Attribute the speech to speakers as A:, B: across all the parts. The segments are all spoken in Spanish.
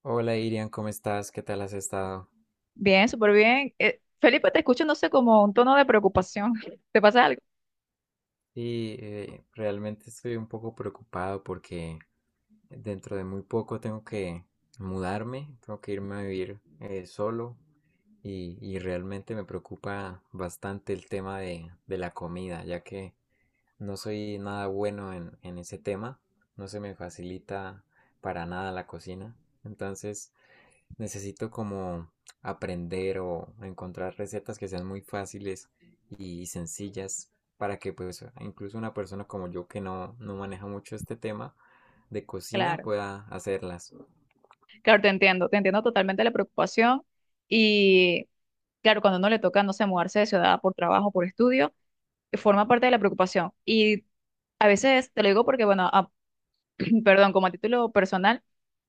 A: Hola Irian, ¿cómo estás? ¿Qué tal has estado?
B: Bien, súper bien. Felipe, te escucho, no sé, como un tono de preocupación. ¿Te pasa algo?
A: Sí, realmente estoy un poco preocupado porque dentro de muy poco tengo que mudarme, tengo que irme a vivir solo y realmente me preocupa bastante el tema de la comida, ya que no soy nada bueno en ese tema, no se me facilita para nada la cocina, entonces necesito como aprender o encontrar recetas que sean muy fáciles y sencillas para que pues incluso una persona como yo que no, no maneja mucho este tema de cocina
B: Claro,
A: pueda hacerlas.
B: claro, te entiendo totalmente la preocupación. Y claro, cuando a uno le toca, no sé, mudarse de ciudad por trabajo, por estudio, forma parte de la preocupación. Y a veces, te lo digo porque, bueno, perdón, como a título personal,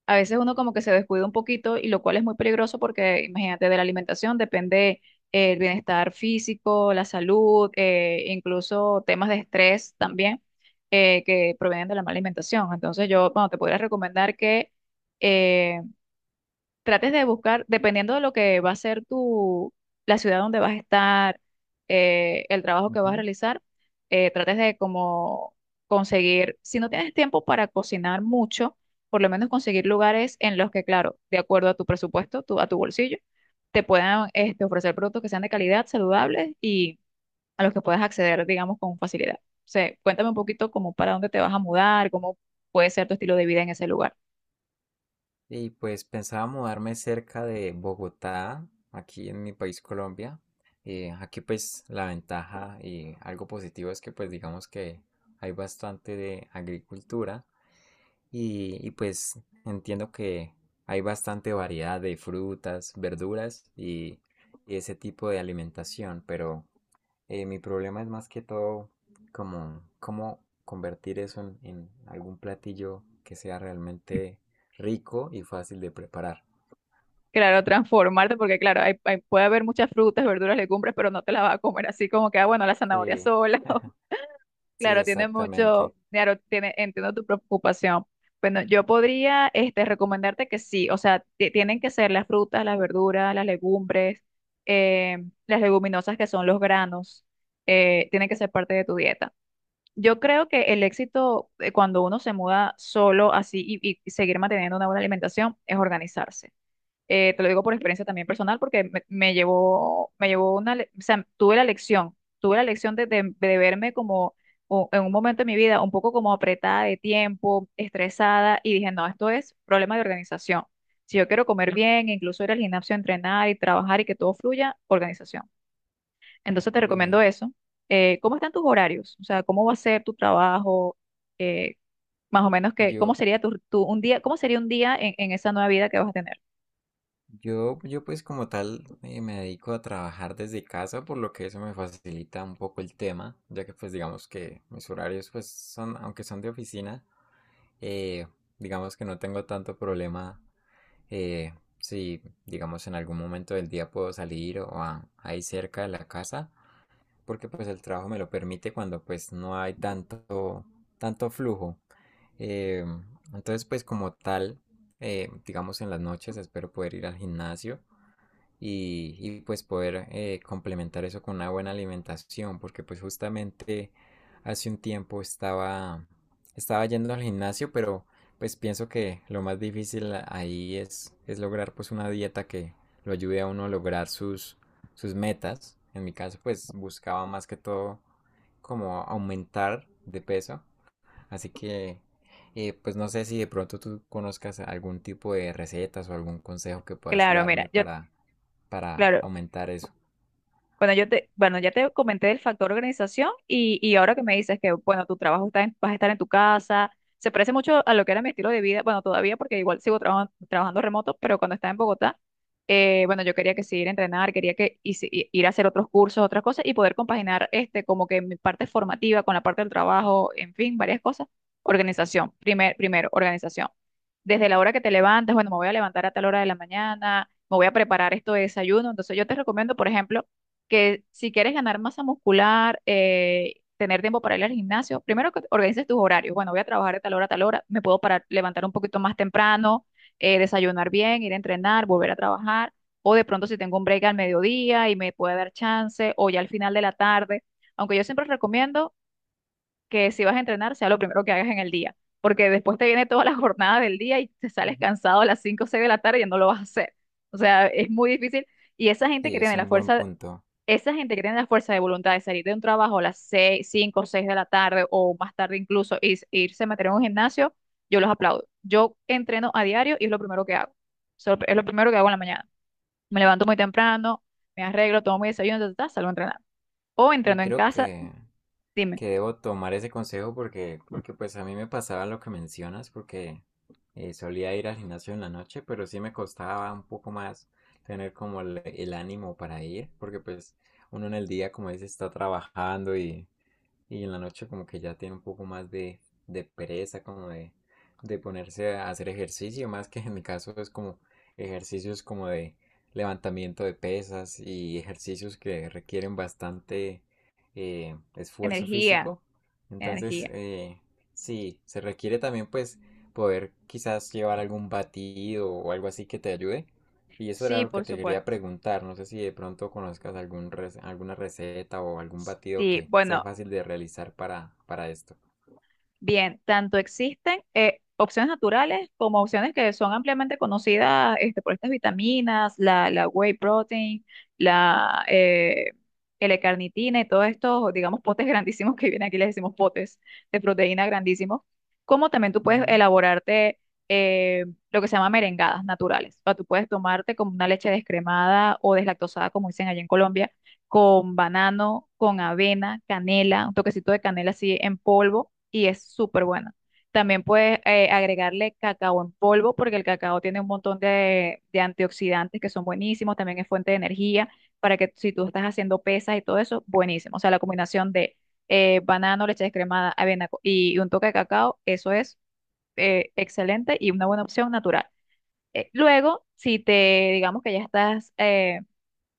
B: a veces uno como que se descuida un poquito y lo cual es muy peligroso porque imagínate, de la alimentación depende el bienestar físico, la salud, incluso temas de estrés también que provienen de la mala alimentación. Entonces yo, bueno, te podría recomendar que eh, trates de buscar, dependiendo de lo que va a ser tu, la ciudad donde vas a estar, el trabajo que vas a
A: Ujú.
B: realizar, trates de como conseguir, si no tienes tiempo para cocinar mucho, por lo menos conseguir lugares en los que, claro, de acuerdo a tu presupuesto, a tu bolsillo, te puedan este, ofrecer productos que sean de calidad, saludables y a los que puedas acceder, digamos, con facilidad. O sea, cuéntame un poquito como para dónde te vas a mudar, cómo puede ser tu estilo de vida en ese lugar.
A: Y pues pensaba mudarme cerca de Bogotá, aquí en mi país Colombia. Aquí pues la ventaja y algo positivo es que pues digamos que hay bastante de agricultura. Y pues entiendo que hay bastante variedad de frutas, verduras y ese tipo de alimentación, pero mi problema es más que todo como cómo convertir eso en algún platillo que sea realmente rico y fácil de preparar.
B: Claro, transformarte, porque claro, puede haber muchas frutas, verduras, legumbres, pero no te las vas a comer así como que, ah, bueno, la zanahoria
A: Sí,
B: sola. o-
A: sí,
B: Claro, tiene mucho,
A: exactamente.
B: claro, tiene, entiendo tu preocupación. Bueno, yo podría, este, recomendarte que sí, o sea, tienen que ser las frutas, las verduras, las legumbres, eh, las leguminosas que son los granos, tienen que ser parte de tu dieta. Yo creo que el éxito cuando uno se muda solo así y seguir manteniendo una buena alimentación es organizarse, te lo digo por experiencia también personal, porque me llevó una, le- o sea, tuve la lección de, de verme como o- en un momento de mi vida un poco como apretada de tiempo, estresada, y dije, no, esto es problema de organización. Si yo quiero comer bien, incluso ir al gimnasio, a entrenar y trabajar y que todo fluya, organización. Entonces te recomiendo
A: Y
B: eso. ¿Cómo están tus horarios? O sea, ¿cómo va a ser tu trabajo? Eh, más o menos que, ¿cómo
A: yo,
B: sería un día, cómo sería un día en esa nueva vida que vas a tener?
A: Yo, yo pues como tal me dedico a trabajar desde casa, por lo que eso me facilita un poco el tema, ya que pues digamos que mis horarios pues son, aunque son de oficina, eh, digamos que no tengo tanto problema eh, si digamos en algún momento del día puedo salir o ahí cerca de la casa, porque pues el trabajo me lo permite cuando pues no hay tanto, flujo. Eh, entonces pues como tal, digamos en las noches espero poder ir al gimnasio y pues poder complementar eso con una buena alimentación, porque pues justamente hace un tiempo estaba, yendo al gimnasio, pero pues pienso que lo más difícil ahí es lograr pues una dieta que lo ayude a uno a lograr sus metas. En mi caso pues buscaba más que todo como aumentar de peso, así que pues no sé si de pronto tú conozcas algún tipo de recetas o algún consejo que puedas
B: Claro, mira,
A: darme
B: yo
A: para
B: claro,
A: aumentar eso.
B: bueno, yo te, bueno, ya te comenté del factor organización y ahora que me dices que, bueno, tu trabajo está en- vas a estar en tu casa, se parece mucho a lo que era mi estilo de vida, bueno, todavía porque igual sigo trabajando remoto, pero cuando estaba en Bogotá, bueno, yo quería que seguir a entrenar, quería que y si- y- ir a hacer otros cursos, otras cosas y poder compaginar este como que mi parte formativa con la parte del trabajo, en fin, varias cosas. Organización, primero, organización desde la hora que te levantas, bueno, me voy a levantar a tal hora de la mañana, me voy a preparar esto de desayuno. Entonces yo te recomiendo, por ejemplo, que si quieres ganar masa muscular, tener tiempo para ir al gimnasio, primero que organices tus horarios. Bueno, voy a trabajar de tal hora a tal hora, me puedo parar, levantar un poquito más temprano, desayunar bien, ir a entrenar, volver a trabajar. O de pronto si tengo un break al mediodía y me puede dar chance, o ya al final de la tarde. Aunque yo siempre recomiendo que si vas a entrenar sea lo primero que hagas en el día, porque después te viene toda la jornada del día y te sales
A: Ujú.
B: cansado a las 5 o 6 de la tarde y ya no lo vas a hacer. O sea, es muy difícil. Y esa gente
A: Sí,
B: que
A: es
B: tiene la
A: un buen
B: fuerza,
A: punto.
B: esa gente que tiene la fuerza de voluntad de salir de un trabajo a las 6 5 o 6 de la tarde o más tarde incluso y s- irse a meter en un gimnasio, yo los aplaudo. Yo entreno a diario y es lo primero que hago. So, es lo primero que hago en la mañana. Me levanto muy temprano, me arreglo, tomo mi desayuno, ta, ta, ta, salgo a entrenar. O
A: Y
B: entreno en
A: creo
B: casa,
A: que,
B: dime,
A: que debo tomar ese consejo porque pues a mí me pasaba lo que mencionas, porque solía ir al gimnasio en la noche, pero sí me costaba un poco más tener como el, ánimo para ir, porque pues uno en el día, como dice, está trabajando Y en la noche como que ya tiene un poco más de, pereza, como de ponerse a hacer ejercicio, más que en mi caso es como ejercicios como de levantamiento de pesas y ejercicios que requieren bastante esfuerzo
B: energía,
A: físico. Entonces,
B: energía.
A: sí, se requiere también pues poder quizás llevar algún batido o algo así que te ayude y eso era
B: Sí,
A: lo que
B: por
A: te
B: supuesto.
A: quería preguntar. No sé si de pronto conozcas algún rec- alguna receta o algún batido
B: Sí,
A: que sea
B: bueno,
A: fácil de realizar para, esto.
B: bien, tanto existen opciones naturales como opciones que son ampliamente conocidas este, por estas vitaminas, la whey protein, la L-carnitina y todos estos, digamos, potes grandísimos que vienen aquí, les decimos potes de proteína grandísimos, como también tú puedes
A: Ujú,
B: elaborarte eh, lo que se llama merengadas naturales. O sea, tú puedes tomarte como una leche descremada o deslactosada, como dicen allá en Colombia, con banano, con avena, canela, un toquecito de canela así en polvo y es súper buena. También puedes agregarle cacao en polvo porque el cacao tiene un montón de antioxidantes que son buenísimos, también es fuente de energía para que si tú estás haciendo pesas y todo eso, buenísimo. O sea, la combinación de banano, leche descremada, y un toque de cacao, eso es excelente y una buena opción natural. Luego, si te digamos que ya estás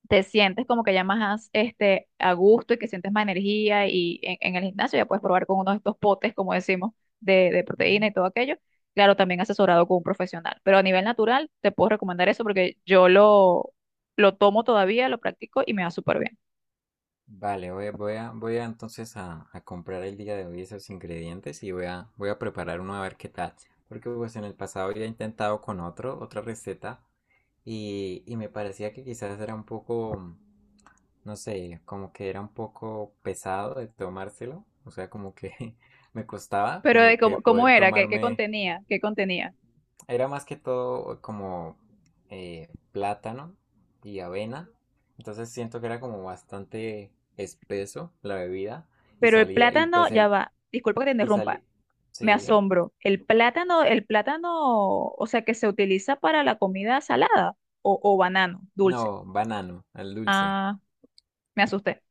B: te sientes como que ya más este, a gusto y que sientes más energía y en el gimnasio ya puedes probar con uno de estos potes, como decimos, de proteína
A: ujú.
B: y todo aquello. Claro, también asesorado con un profesional, pero a nivel natural te puedo recomendar eso porque yo lo tomo todavía, lo practico y me va súper bien.
A: Vale, voy a, entonces a comprar el día de hoy esos ingredientes y voy a preparar uno a ver qué tal. Porque pues en el pasado ya he intentado con otro, otra receta y me parecía que quizás era un poco, no sé, como que era un poco pesado de tomárselo. O sea, como que me costaba
B: Pero de
A: como que
B: cómo, cómo
A: poder
B: era, ¿qué, qué
A: tomarme
B: contenía, qué contenía?
A: era más que todo como plátano y avena. Entonces siento que era como bastante espeso la bebida. Y
B: Pero el
A: salía, y
B: plátano,
A: pues,
B: ya va, disculpa que te
A: y
B: interrumpa,
A: salí,
B: me
A: sí,
B: asombro. El plátano, o sea, que se utiliza para la comida salada o banano, dulce.
A: no, banano, al dulce.
B: Ah, me asusté.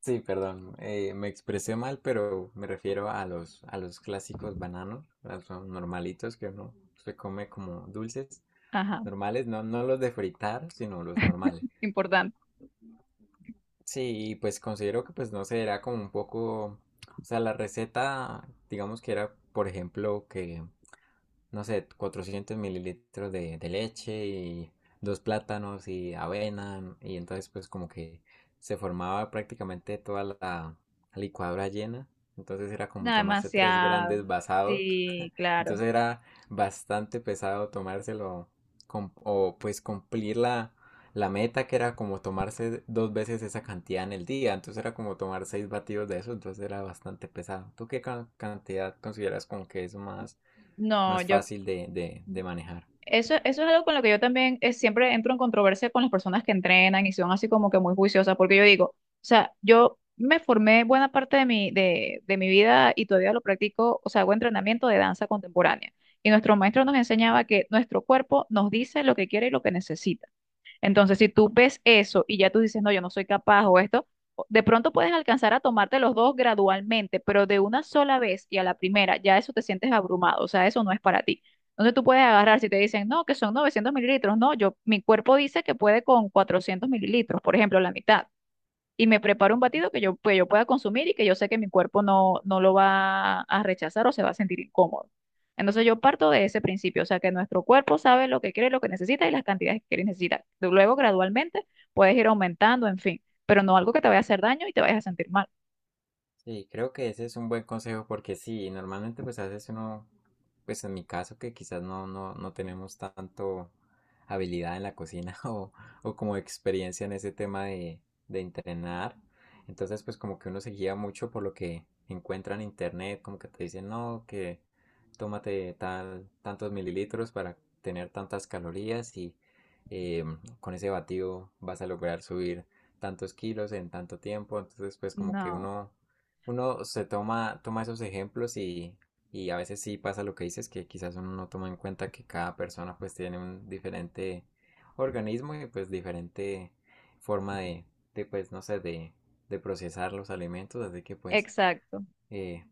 A: Sí, perdón, me expresé mal, pero me refiero a los, clásicos bananos, a los normalitos que uno se come como dulces
B: Ajá,
A: normales, no, no los de fritar, sino los normales.
B: importante.
A: Sí, y pues considero que pues no sé, era como un poco, o sea, la receta, digamos que era, por ejemplo, que no sé, 400 ml de, leche y dos plátanos y avena. Y entonces pues como que se formaba prácticamente toda la licuadora llena. Entonces era como
B: No,
A: tomarse tres
B: demasiado.
A: grandes basados.
B: Sí, claro.
A: Entonces era bastante pesado tomárselo o pues cumplir la meta que era como tomarse dos veces esa cantidad en el día. Entonces era como tomar seis batidos de eso. Entonces era bastante pesado. ¿Tú qué cantidad consideras como que es más
B: No,
A: más
B: yo,
A: fácil de, manejar?
B: eso es algo con lo que yo también siempre entro en controversia con las personas que entrenan y son así como que muy juiciosas, porque yo digo, o sea, yo me formé buena parte de mi vida y todavía lo practico, o sea, hago entrenamiento de danza contemporánea. Y nuestro maestro nos enseñaba que nuestro cuerpo nos dice lo que quiere y lo que necesita. Entonces, si tú ves eso y ya tú dices, no, yo no soy capaz o esto, o- de pronto puedes alcanzar a tomarte los dos gradualmente, pero de una sola vez y a la primera, ya eso te sientes abrumado, o sea, eso no es para ti. Entonces tú puedes agarrar, si te dicen, no, que son 900 ml, no, yo, mi cuerpo dice que puede con 400 ml, por ejemplo, la mitad y me preparo un batido que yo, pues, yo pueda consumir y que yo sé que mi cuerpo no lo va a rechazar o se va a sentir incómodo. Entonces yo parto de ese principio, o sea que nuestro cuerpo sabe lo que quiere, lo que necesita y las cantidades que quiere y necesita. Luego gradualmente puedes ir aumentando, en fin, pero no algo que te vaya a hacer daño y te vayas a sentir mal.
A: Sí, creo que ese es un buen consejo porque sí, normalmente pues a veces uno, pues en mi caso que quizás no, no, no tenemos tanto habilidad en la cocina o, como experiencia en ese tema de entrenar, entonces pues como que uno se guía mucho por lo que encuentra en internet, como que te dicen no, que tómate tal, tantos mililitros para tener tantas calorías y eh, con ese batido vas a lograr subir tantos kilos en tanto tiempo, entonces pues como que
B: No,
A: uno se toma esos ejemplos y, a veces sí pasa lo que dices, que quizás uno no toma en cuenta que cada persona pues tiene un diferente organismo y pues diferente forma de pues no sé, de, procesar los alimentos, así que pues
B: exacto.
A: eh,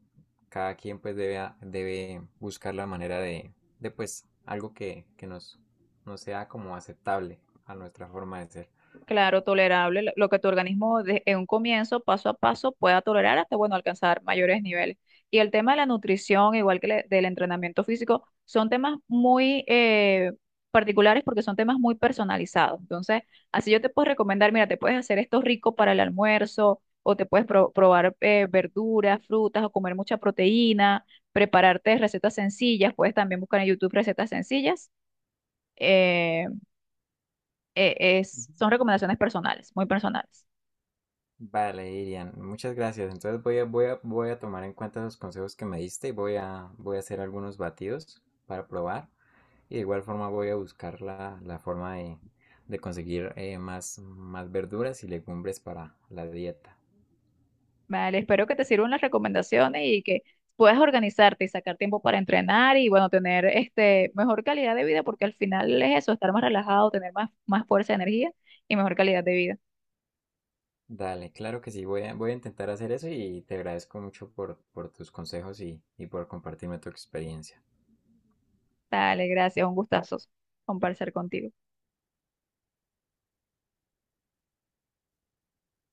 A: cada quien pues debe, debe buscar la manera de, pues algo que, nos sea como aceptable a nuestra forma de ser.
B: Claro, tolerable, lo que tu organismo de- en un comienzo, paso a paso, pueda tolerar hasta, bueno, alcanzar mayores niveles. Y el tema de la nutrición, igual que le- del entrenamiento físico, son temas muy particulares porque son temas muy personalizados. Entonces, así yo te puedo recomendar, mira, te puedes hacer esto rico para el almuerzo o te puedes probar verduras, frutas o comer mucha proteína, prepararte recetas sencillas, puedes también buscar en YouTube recetas sencillas. Eh, es, son recomendaciones personales, muy personales.
A: Vale, Irian, muchas gracias. Entonces voy a, tomar en cuenta los consejos que me diste y voy a hacer algunos batidos para probar. Y de igual forma voy a buscar la, forma de conseguir más verduras y legumbres para la dieta.
B: Vale, espero que te sirvan las recomendaciones y que puedas organizarte y sacar tiempo para entrenar y bueno, tener este mejor calidad de vida, porque al final es eso, estar más relajado, tener más, más fuerza, energía y mejor calidad de vida.
A: Dale, claro que sí, voy a, intentar hacer eso y te agradezco mucho por tus consejos y por compartirme tu experiencia.
B: Dale, gracias, un gustazo conversar contigo.